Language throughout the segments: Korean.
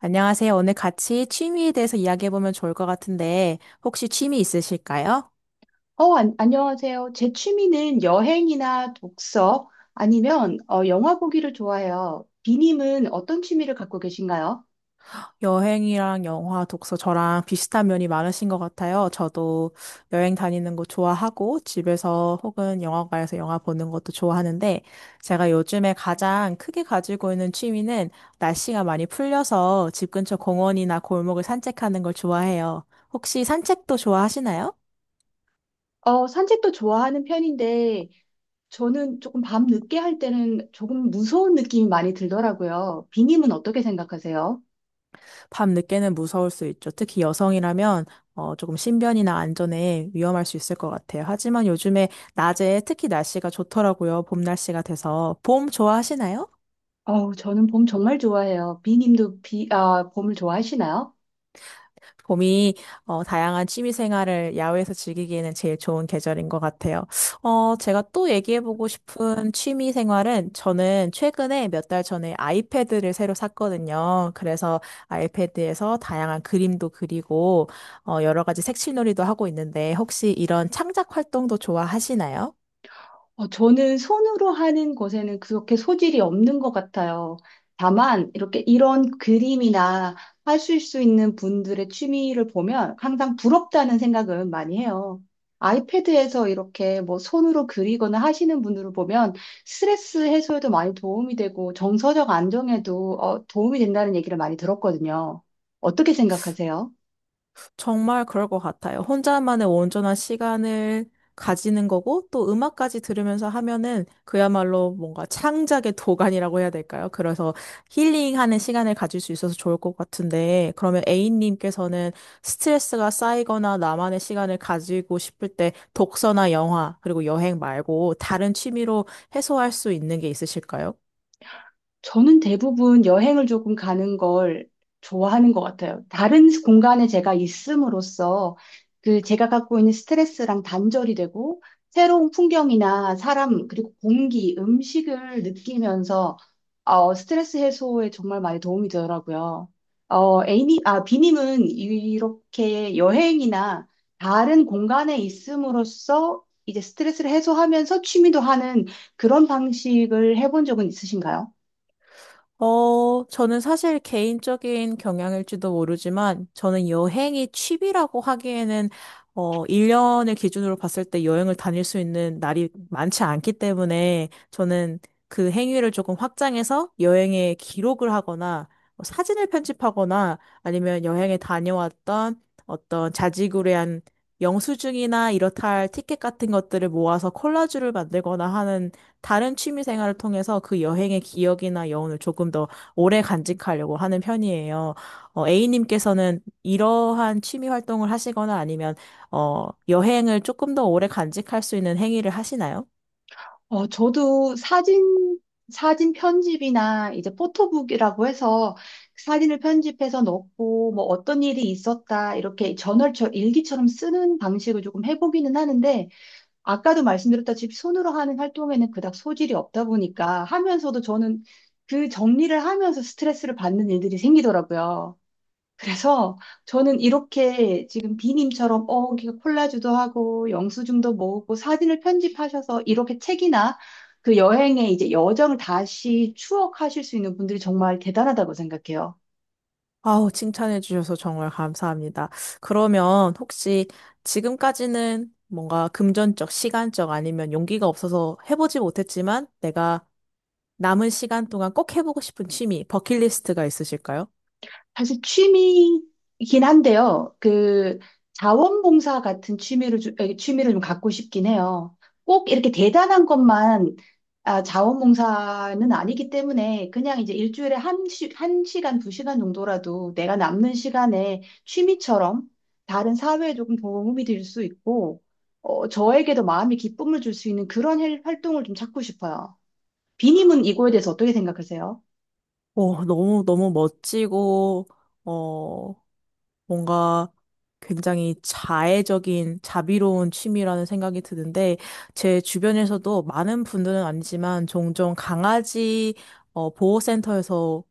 안녕하세요. 오늘 같이 취미에 대해서 이야기해보면 좋을 것 같은데, 혹시 취미 있으실까요? 어, 안, 안녕하세요. 제 취미는 여행이나 독서 아니면 영화 보기를 좋아해요. 비님은 어떤 취미를 갖고 계신가요? 여행이랑 영화, 독서 저랑 비슷한 면이 많으신 것 같아요. 저도 여행 다니는 거 좋아하고, 집에서 혹은 영화관에서 영화 보는 것도 좋아하는데, 제가 요즘에 가장 크게 가지고 있는 취미는 날씨가 많이 풀려서 집 근처 공원이나 골목을 산책하는 걸 좋아해요. 혹시 산책도 좋아하시나요? 산책도 좋아하는 편인데 저는 조금 밤 늦게 할 때는 조금 무서운 느낌이 많이 들더라고요. 비님은 어떻게 생각하세요? 밤늦게는 무서울 수 있죠. 특히 여성이라면 조금 신변이나 안전에 위험할 수 있을 것 같아요. 하지만 요즘에 낮에 특히 날씨가 좋더라고요. 봄 날씨가 돼서. 봄 좋아하시나요? 저는 봄 정말 좋아해요. 비님도 봄을 좋아하시나요? 봄이 다양한 취미 생활을 야외에서 즐기기에는 제일 좋은 계절인 것 같아요. 제가 또 얘기해보고 싶은 취미 생활은 저는 최근에 몇 달 전에 아이패드를 새로 샀거든요. 그래서 아이패드에서 다양한 그림도 그리고 여러 가지 색칠놀이도 하고 있는데 혹시 이런 창작 활동도 좋아하시나요? 저는 손으로 하는 것에는 그렇게 소질이 없는 것 같아요. 다만, 이렇게 이런 그림이나 하실 수 있는 분들의 취미를 보면 항상 부럽다는 생각은 많이 해요. 아이패드에서 이렇게 뭐 손으로 그리거나 하시는 분들을 보면 스트레스 해소에도 많이 도움이 되고 정서적 안정에도 도움이 된다는 얘기를 많이 들었거든요. 어떻게 생각하세요? 정말 그럴 것 같아요. 혼자만의 온전한 시간을 가지는 거고, 또 음악까지 들으면서 하면은 그야말로 뭔가 창작의 도가니라고 해야 될까요? 그래서 힐링하는 시간을 가질 수 있어서 좋을 것 같은데, 그러면 A님께서는 스트레스가 쌓이거나 나만의 시간을 가지고 싶을 때 독서나 영화, 그리고 여행 말고 다른 취미로 해소할 수 있는 게 있으실까요? 저는 대부분 여행을 조금 가는 걸 좋아하는 것 같아요. 다른 공간에 제가 있음으로써 그 제가 갖고 있는 스트레스랑 단절이 되고 새로운 풍경이나 사람, 그리고 공기, 음식을 느끼면서 스트레스 해소에 정말 많이 도움이 되더라고요. 비님은 이렇게 여행이나 다른 공간에 있음으로써 이제 스트레스를 해소하면서 취미도 하는 그런 방식을 해본 적은 있으신가요? 저는 사실 개인적인 경향일지도 모르지만, 저는 여행이 취미라고 하기에는, 1년을 기준으로 봤을 때 여행을 다닐 수 있는 날이 많지 않기 때문에, 저는 그 행위를 조금 확장해서 여행에 기록을 하거나, 뭐 사진을 편집하거나, 아니면 여행에 다녀왔던 어떤 자지구레한 영수증이나 이렇다 할 티켓 같은 것들을 모아서 콜라주를 만들거나 하는 다른 취미 생활을 통해서 그 여행의 기억이나 여운을 조금 더 오래 간직하려고 하는 편이에요. A님께서는 이러한 취미 활동을 하시거나 아니면, 여행을 조금 더 오래 간직할 수 있는 행위를 하시나요? 저도 사진 편집이나 이제 포토북이라고 해서 사진을 편집해서 넣고 뭐 어떤 일이 있었다 이렇게 저널처럼 일기처럼 쓰는 방식을 조금 해보기는 하는데 아까도 말씀드렸다시피 손으로 하는 활동에는 그닥 소질이 없다 보니까 하면서도 저는 그 정리를 하면서 스트레스를 받는 일들이 생기더라고요. 그래서 저는 이렇게 지금 비님처럼 이렇게 콜라주도 하고 영수증도 모으고 사진을 편집하셔서 이렇게 책이나 그 여행의 이제 여정을 다시 추억하실 수 있는 분들이 정말 대단하다고 생각해요. 아우, 칭찬해 주셔서 정말 감사합니다. 그러면 혹시 지금까지는 뭔가 금전적, 시간적 아니면 용기가 없어서 해보지 못했지만 내가 남은 시간 동안 꼭 해보고 싶은 취미, 버킷리스트가 있으실까요? 사실 취미이긴 한데요. 그 자원봉사 같은 취미를 좀 갖고 싶긴 해요. 꼭 이렇게 대단한 것만 자원봉사는 아니기 때문에 그냥 이제 일주일에 한 시간, 2시간 정도라도 내가 남는 시간에 취미처럼 다른 사회에 조금 도움이 될 수 있고, 저에게도 마음의 기쁨을 줄 수 있는 그런 활동을 좀 찾고 싶어요. 비님은 이거에 대해서 어떻게 생각하세요? 오, 너무, 너무 멋지고, 어, 뭔가 굉장히 자애적인, 자비로운 취미라는 생각이 드는데, 제 주변에서도 많은 분들은 아니지만, 종종 강아지, 보호센터에서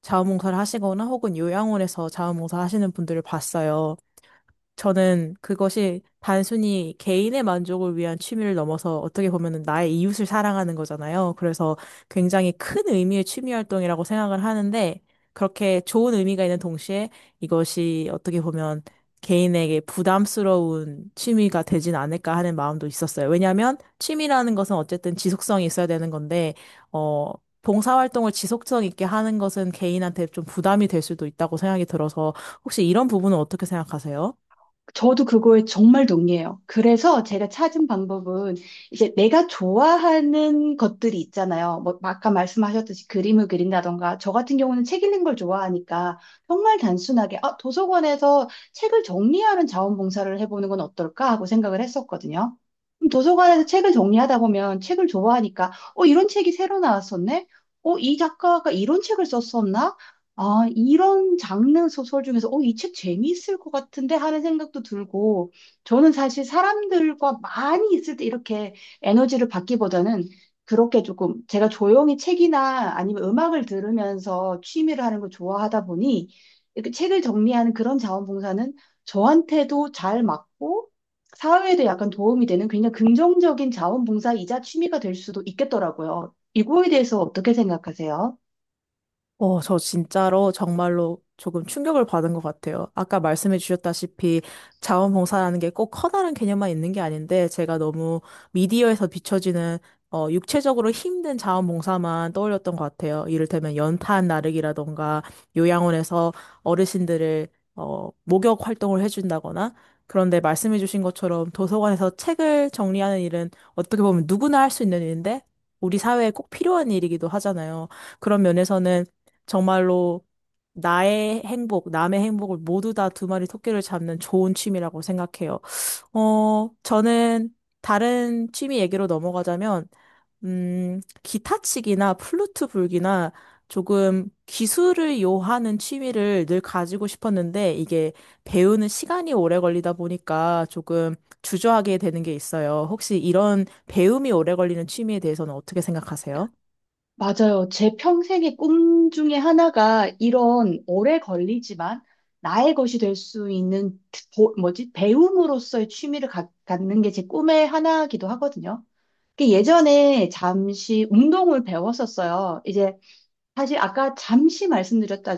자원봉사를 하시거나 혹은 요양원에서 자원봉사 하시는 분들을 봤어요. 저는 그것이 단순히 개인의 만족을 위한 취미를 넘어서 어떻게 보면 나의 이웃을 사랑하는 거잖아요. 그래서 굉장히 큰 의미의 취미 활동이라고 생각을 하는데 그렇게 좋은 의미가 있는 동시에 이것이 어떻게 보면 개인에게 부담스러운 취미가 되진 않을까 하는 마음도 있었어요. 왜냐하면 취미라는 것은 어쨌든 지속성이 있어야 되는 건데, 어, 봉사활동을 지속성 있게 하는 것은 개인한테 좀 부담이 될 수도 있다고 생각이 들어서 혹시 이런 부분은 어떻게 생각하세요? 저도 그거에 정말 동의해요. 그래서 제가 찾은 방법은 이제 내가 좋아하는 것들이 있잖아요. 뭐 아까 말씀하셨듯이 그림을 그린다던가 저 같은 경우는 책 읽는 걸 좋아하니까 정말 단순하게 도서관에서 책을 정리하는 자원봉사를 해보는 건 어떨까 하고 생각을 했었거든요. 그럼 도서관에서 책을 정리하다 보면 책을 좋아하니까 이런 책이 새로 나왔었네? 이 작가가 이런 책을 썼었나? 이런 장르 소설 중에서, 이 책 재미있을 것 같은데 하는 생각도 들고, 저는 사실 사람들과 많이 있을 때 이렇게 에너지를 받기보다는 그렇게 조금 제가 조용히 책이나 아니면 음악을 들으면서 취미를 하는 걸 좋아하다 보니, 이렇게 책을 정리하는 그런 자원봉사는 저한테도 잘 맞고, 사회에도 약간 도움이 되는 굉장히 긍정적인 자원봉사이자 취미가 될 수도 있겠더라고요. 이거에 대해서 어떻게 생각하세요? 저 진짜로 정말로 조금 충격을 받은 것 같아요. 아까 말씀해 주셨다시피 자원봉사라는 게 꼭 커다란 개념만 있는 게 아닌데 제가 너무 미디어에서 비춰지는 육체적으로 힘든 자원봉사만 떠올렸던 것 같아요. 이를테면 연탄 나르기라던가 요양원에서 어르신들을 목욕 활동을 해준다거나 그런데 말씀해 주신 것처럼 도서관에서 책을 정리하는 일은 어떻게 보면 누구나 할 수 있는 일인데 우리 사회에 꼭 필요한 일이기도 하잖아요. 그런 면에서는 정말로 나의 행복, 남의 행복을 모두 다 두 마리 토끼를 잡는 좋은 취미라고 생각해요. 저는 다른 취미 얘기로 넘어가자면, 기타 치기나 플루트 불기나 조금 기술을 요하는 취미를 늘 가지고 싶었는데 이게 배우는 시간이 오래 걸리다 보니까 조금 주저하게 되는 게 있어요. 혹시 이런 배움이 오래 걸리는 취미에 대해서는 어떻게 생각하세요? 맞아요. 제 평생의 꿈 중에 하나가 이런 오래 걸리지만 나의 것이 될 수 있는 뭐지? 배움으로서의 취미를 갖는 게 제 꿈의 하나이기도 하거든요. 그 예전에 잠시 운동을 배웠었어요. 이제 사실 아까 잠시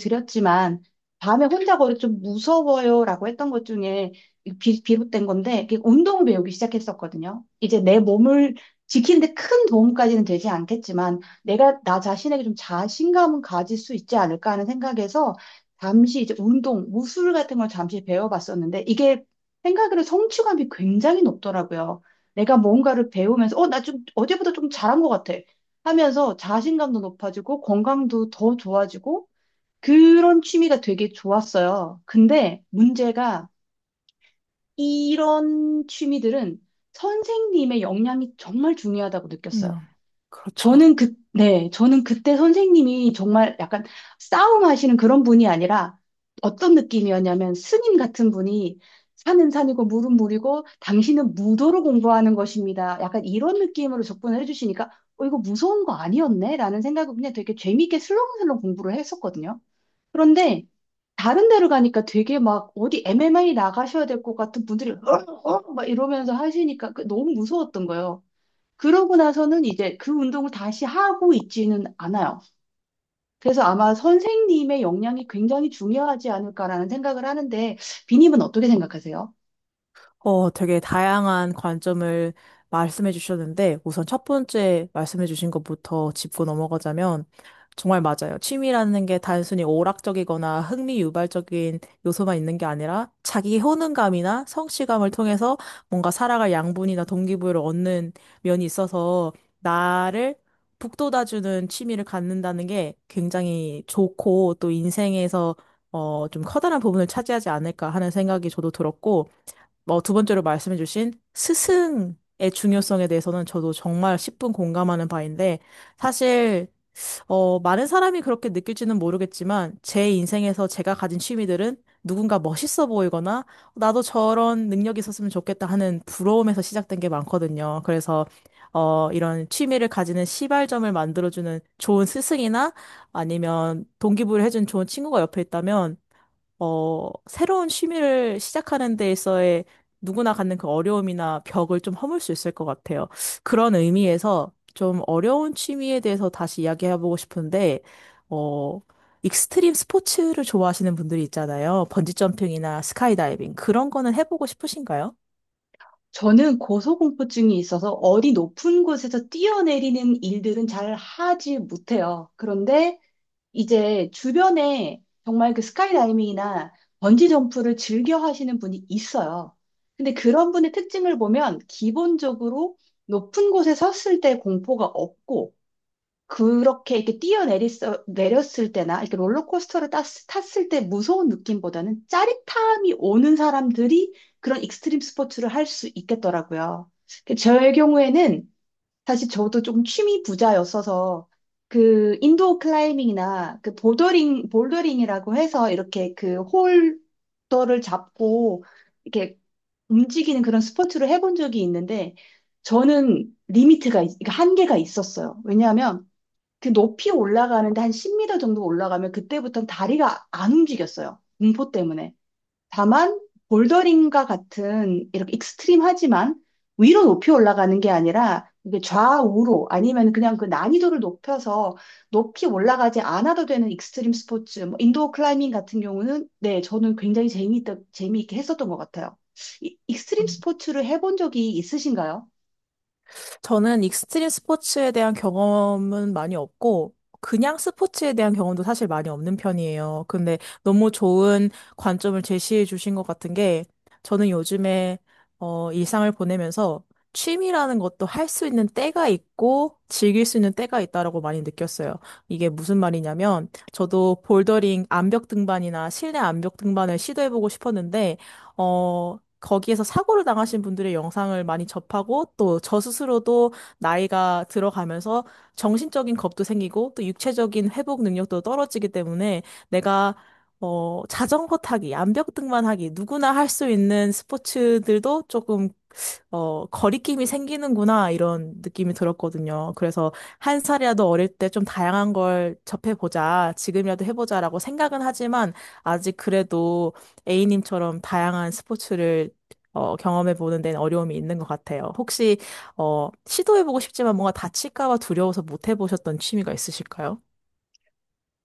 드렸지만, 밤에 혼자 걸어 좀 무서워요라고 했던 것 중에 비롯된 건데, 이게 운동을 배우기 시작했었거든요. 이제 내 몸을 지키는데 큰 도움까지는 되지 않겠지만, 내가 나 자신에게 좀 자신감은 가질 수 있지 않을까 하는 생각에서, 잠시 이제 운동, 무술 같은 걸 잠시 배워봤었는데, 이게 생각으로 성취감이 굉장히 높더라고요. 내가 뭔가를 배우면서, 나 좀 어제보다 좀 잘한 것 같아. 하면서 자신감도 높아지고 건강도 더 좋아지고 그런 취미가 되게 좋았어요. 근데 문제가 이런 취미들은 선생님의 역량이 정말 중요하다고 느꼈어요. 음, 그렇죠. 저는 그때 선생님이 정말 약간 싸움하시는 그런 분이 아니라 어떤 느낌이었냐면 스님 같은 분이 산은 산이고 물은 물이고 당신은 무도로 공부하는 것입니다. 약간 이런 느낌으로 접근을 해주시니까 이거 무서운 거 아니었네? 라는 생각을 그냥 되게 재미있게 슬렁슬렁 공부를 했었거든요. 그런데 다른 데로 가니까 되게 막 어디 MMA 나가셔야 될 것 같은 분들이 막 이러면서 하시니까 그 너무 무서웠던 거예요. 그러고 나서는 이제 그 운동을 다시 하고 있지는 않아요. 그래서 아마 선생님의 역량이 굉장히 중요하지 않을까라는 생각을 하는데, 비님은 어떻게 생각하세요? 되게 다양한 관점을 말씀해 주셨는데, 우선 첫 번째 말씀해 주신 것부터 짚고 넘어가자면, 정말 맞아요. 취미라는 게 단순히 오락적이거나 흥미 유발적인 요소만 있는 게 아니라, 자기 효능감이나 성취감을 통해서 뭔가 살아갈 양분이나 동기부여를 얻는 면이 있어서, 나를 북돋아주는 취미를 갖는다는 게 굉장히 좋고, 또 인생에서 좀 커다란 부분을 차지하지 않을까 하는 생각이 저도 들었고, 뭐 두 번째로 말씀해주신 스승의 중요성에 대해서는 저도 정말 십분 공감하는 바인데 사실 많은 사람이 그렇게 느낄지는 모르겠지만 제 인생에서 제가 가진 취미들은 누군가 멋있어 보이거나 나도 저런 능력이 있었으면 좋겠다 하는 부러움에서 시작된 게 많거든요. 그래서 이런 취미를 가지는 시발점을 만들어주는 좋은 스승이나 아니면 동기부여해준 좋은 친구가 옆에 있다면 새로운 취미를 시작하는 데에서의 누구나 갖는 그 어려움이나 벽을 좀 허물 수 있을 것 같아요. 그런 의미에서 좀 어려운 취미에 대해서 다시 이야기해보고 싶은데, 어, 익스트림 스포츠를 좋아하시는 분들이 있잖아요. 번지점핑이나 스카이다이빙. 그런 거는 해보고 싶으신가요? 저는 고소공포증이 있어서 어디 높은 곳에서 뛰어내리는 일들은 잘 하지 못해요. 그런데 이제 주변에 정말 그 스카이다이빙이나 번지점프를 즐겨 하시는 분이 있어요. 근데 그런 분의 특징을 보면 기본적으로 높은 곳에 섰을 때 공포가 없고 그렇게 이렇게 뛰어내리 내렸을 때나 이렇게 롤러코스터를 탔을 때 무서운 느낌보다는 짜릿함이 오는 사람들이 그런 익스트림 스포츠를 할 수 있겠더라고요. 그 저의 경우에는 사실 저도 조금 취미 부자였어서 그 인도어 클라이밍이나 그 보더링 볼더링이라고 해서 이렇게 그 홀더를 잡고 이렇게 움직이는 그런 스포츠를 해본 적이 있는데 저는 리미트가 그러니까 한계가 있었어요. 왜냐하면 그 높이 올라가는데 한 10m 정도 올라가면 그때부터는 다리가 안 움직였어요. 공포 때문에. 다만 볼더링과 같은 이렇게 익스트림하지만 위로 높이 올라가는 게 아니라 이게 좌우로 아니면 그냥 그 난이도를 높여서 높이 올라가지 않아도 되는 익스트림 스포츠, 뭐 인도어 클라이밍 같은 경우는 네, 저는 굉장히 재미있게 했었던 것 같아요. 익스트림 스포츠를 해본 적이 있으신가요? 저는 익스트림 스포츠에 대한 경험은 많이 없고, 그냥 스포츠에 대한 경험도 사실 많이 없는 편이에요. 근데 너무 좋은 관점을 제시해 주신 것 같은 게, 저는 요즘에 일상을 보내면서 취미라는 것도 할 수 있는 때가 있고, 즐길 수 있는 때가 있다라고 많이 느꼈어요. 이게 무슨 말이냐면, 저도 볼더링 암벽 등반이나 실내 암벽 등반을 시도해보고 싶었는데, 거기에서 사고를 당하신 분들의 영상을 많이 접하고 또 저 스스로도 나이가 들어가면서 정신적인 겁도 생기고 또 육체적인 회복 능력도 떨어지기 때문에 내가 자전거 타기, 암벽 등반하기, 누구나 할 수 있는 스포츠들도 조금 거리낌이 생기는구나, 이런 느낌이 들었거든요. 그래서 한 살이라도 어릴 때 좀 다양한 걸 접해보자, 지금이라도 해보자라고 생각은 하지만, 아직 그래도 A님처럼 다양한 스포츠를 경험해보는 데는 어려움이 있는 것 같아요. 혹시, 시도해보고 싶지만 뭔가 다칠까 봐 두려워서 못 해보셨던 취미가 있으실까요?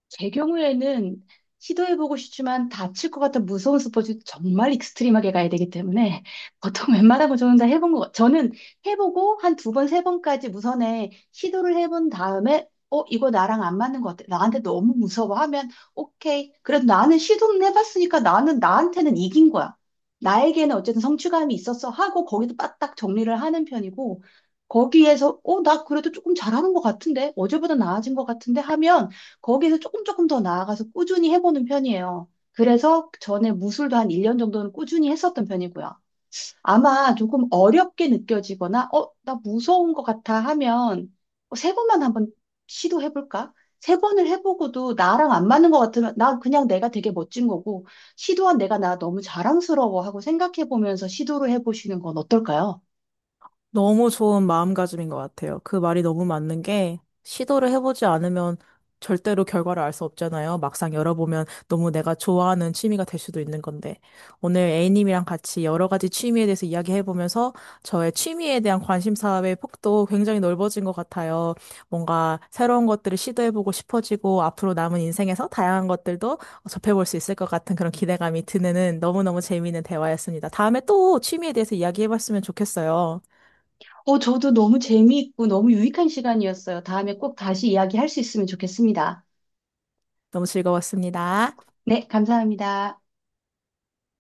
제 경우에는 시도해보고 싶지만 다칠 것 같은 무서운 스포츠 정말 익스트림하게 가야 되기 때문에 보통 웬만한 거 저는 다 해본 거, 저는 해보고 한 두 번, 3번까지 무선에 시도를 해본 다음에 이거 나랑 안 맞는 것 같아. 나한테 너무 무서워 하면 오케이. 그래도 나는 시도는 해봤으니까 나는 나한테는 이긴 거야. 나에게는 어쨌든 성취감이 있었어 하고 거기서 빠딱 정리를 하는 편이고 거기에서 나 그래도 조금 잘하는 것 같은데 어제보다 나아진 것 같은데 하면 거기서 조금 더 나아가서 꾸준히 해보는 편이에요. 그래서 전에 무술도 한 1년 정도는 꾸준히 했었던 편이고요. 아마 조금 어렵게 느껴지거나, 나 무서운 것 같아 하면 3번만 한번 시도해볼까? 3번을 해보고도 나랑 안 맞는 것 같으면 나 그냥 내가 되게 멋진 거고, 시도한 내가 나 너무 자랑스러워 하고 생각해보면서 시도를 해보시는 건 어떨까요? 너무 좋은 마음가짐인 것 같아요. 그 말이 너무 맞는 게 시도를 해보지 않으면 절대로 결과를 알 수 없잖아요. 막상 열어보면 너무 내가 좋아하는 취미가 될 수도 있는 건데. 오늘 A님이랑 같이 여러 가지 취미에 대해서 이야기해보면서 저의 취미에 대한 관심사의 폭도 굉장히 넓어진 것 같아요. 뭔가 새로운 것들을 시도해보고 싶어지고 앞으로 남은 인생에서 다양한 것들도 접해볼 수 있을 것 같은 그런 기대감이 드는 너무너무 재미있는 대화였습니다. 다음에 또 취미에 대해서 이야기해봤으면 좋겠어요. 저도 너무 재미있고 너무 유익한 시간이었어요. 다음에 꼭 다시 이야기할 수 있으면 좋겠습니다. 너무 즐거웠습니다. 네, 감사합니다.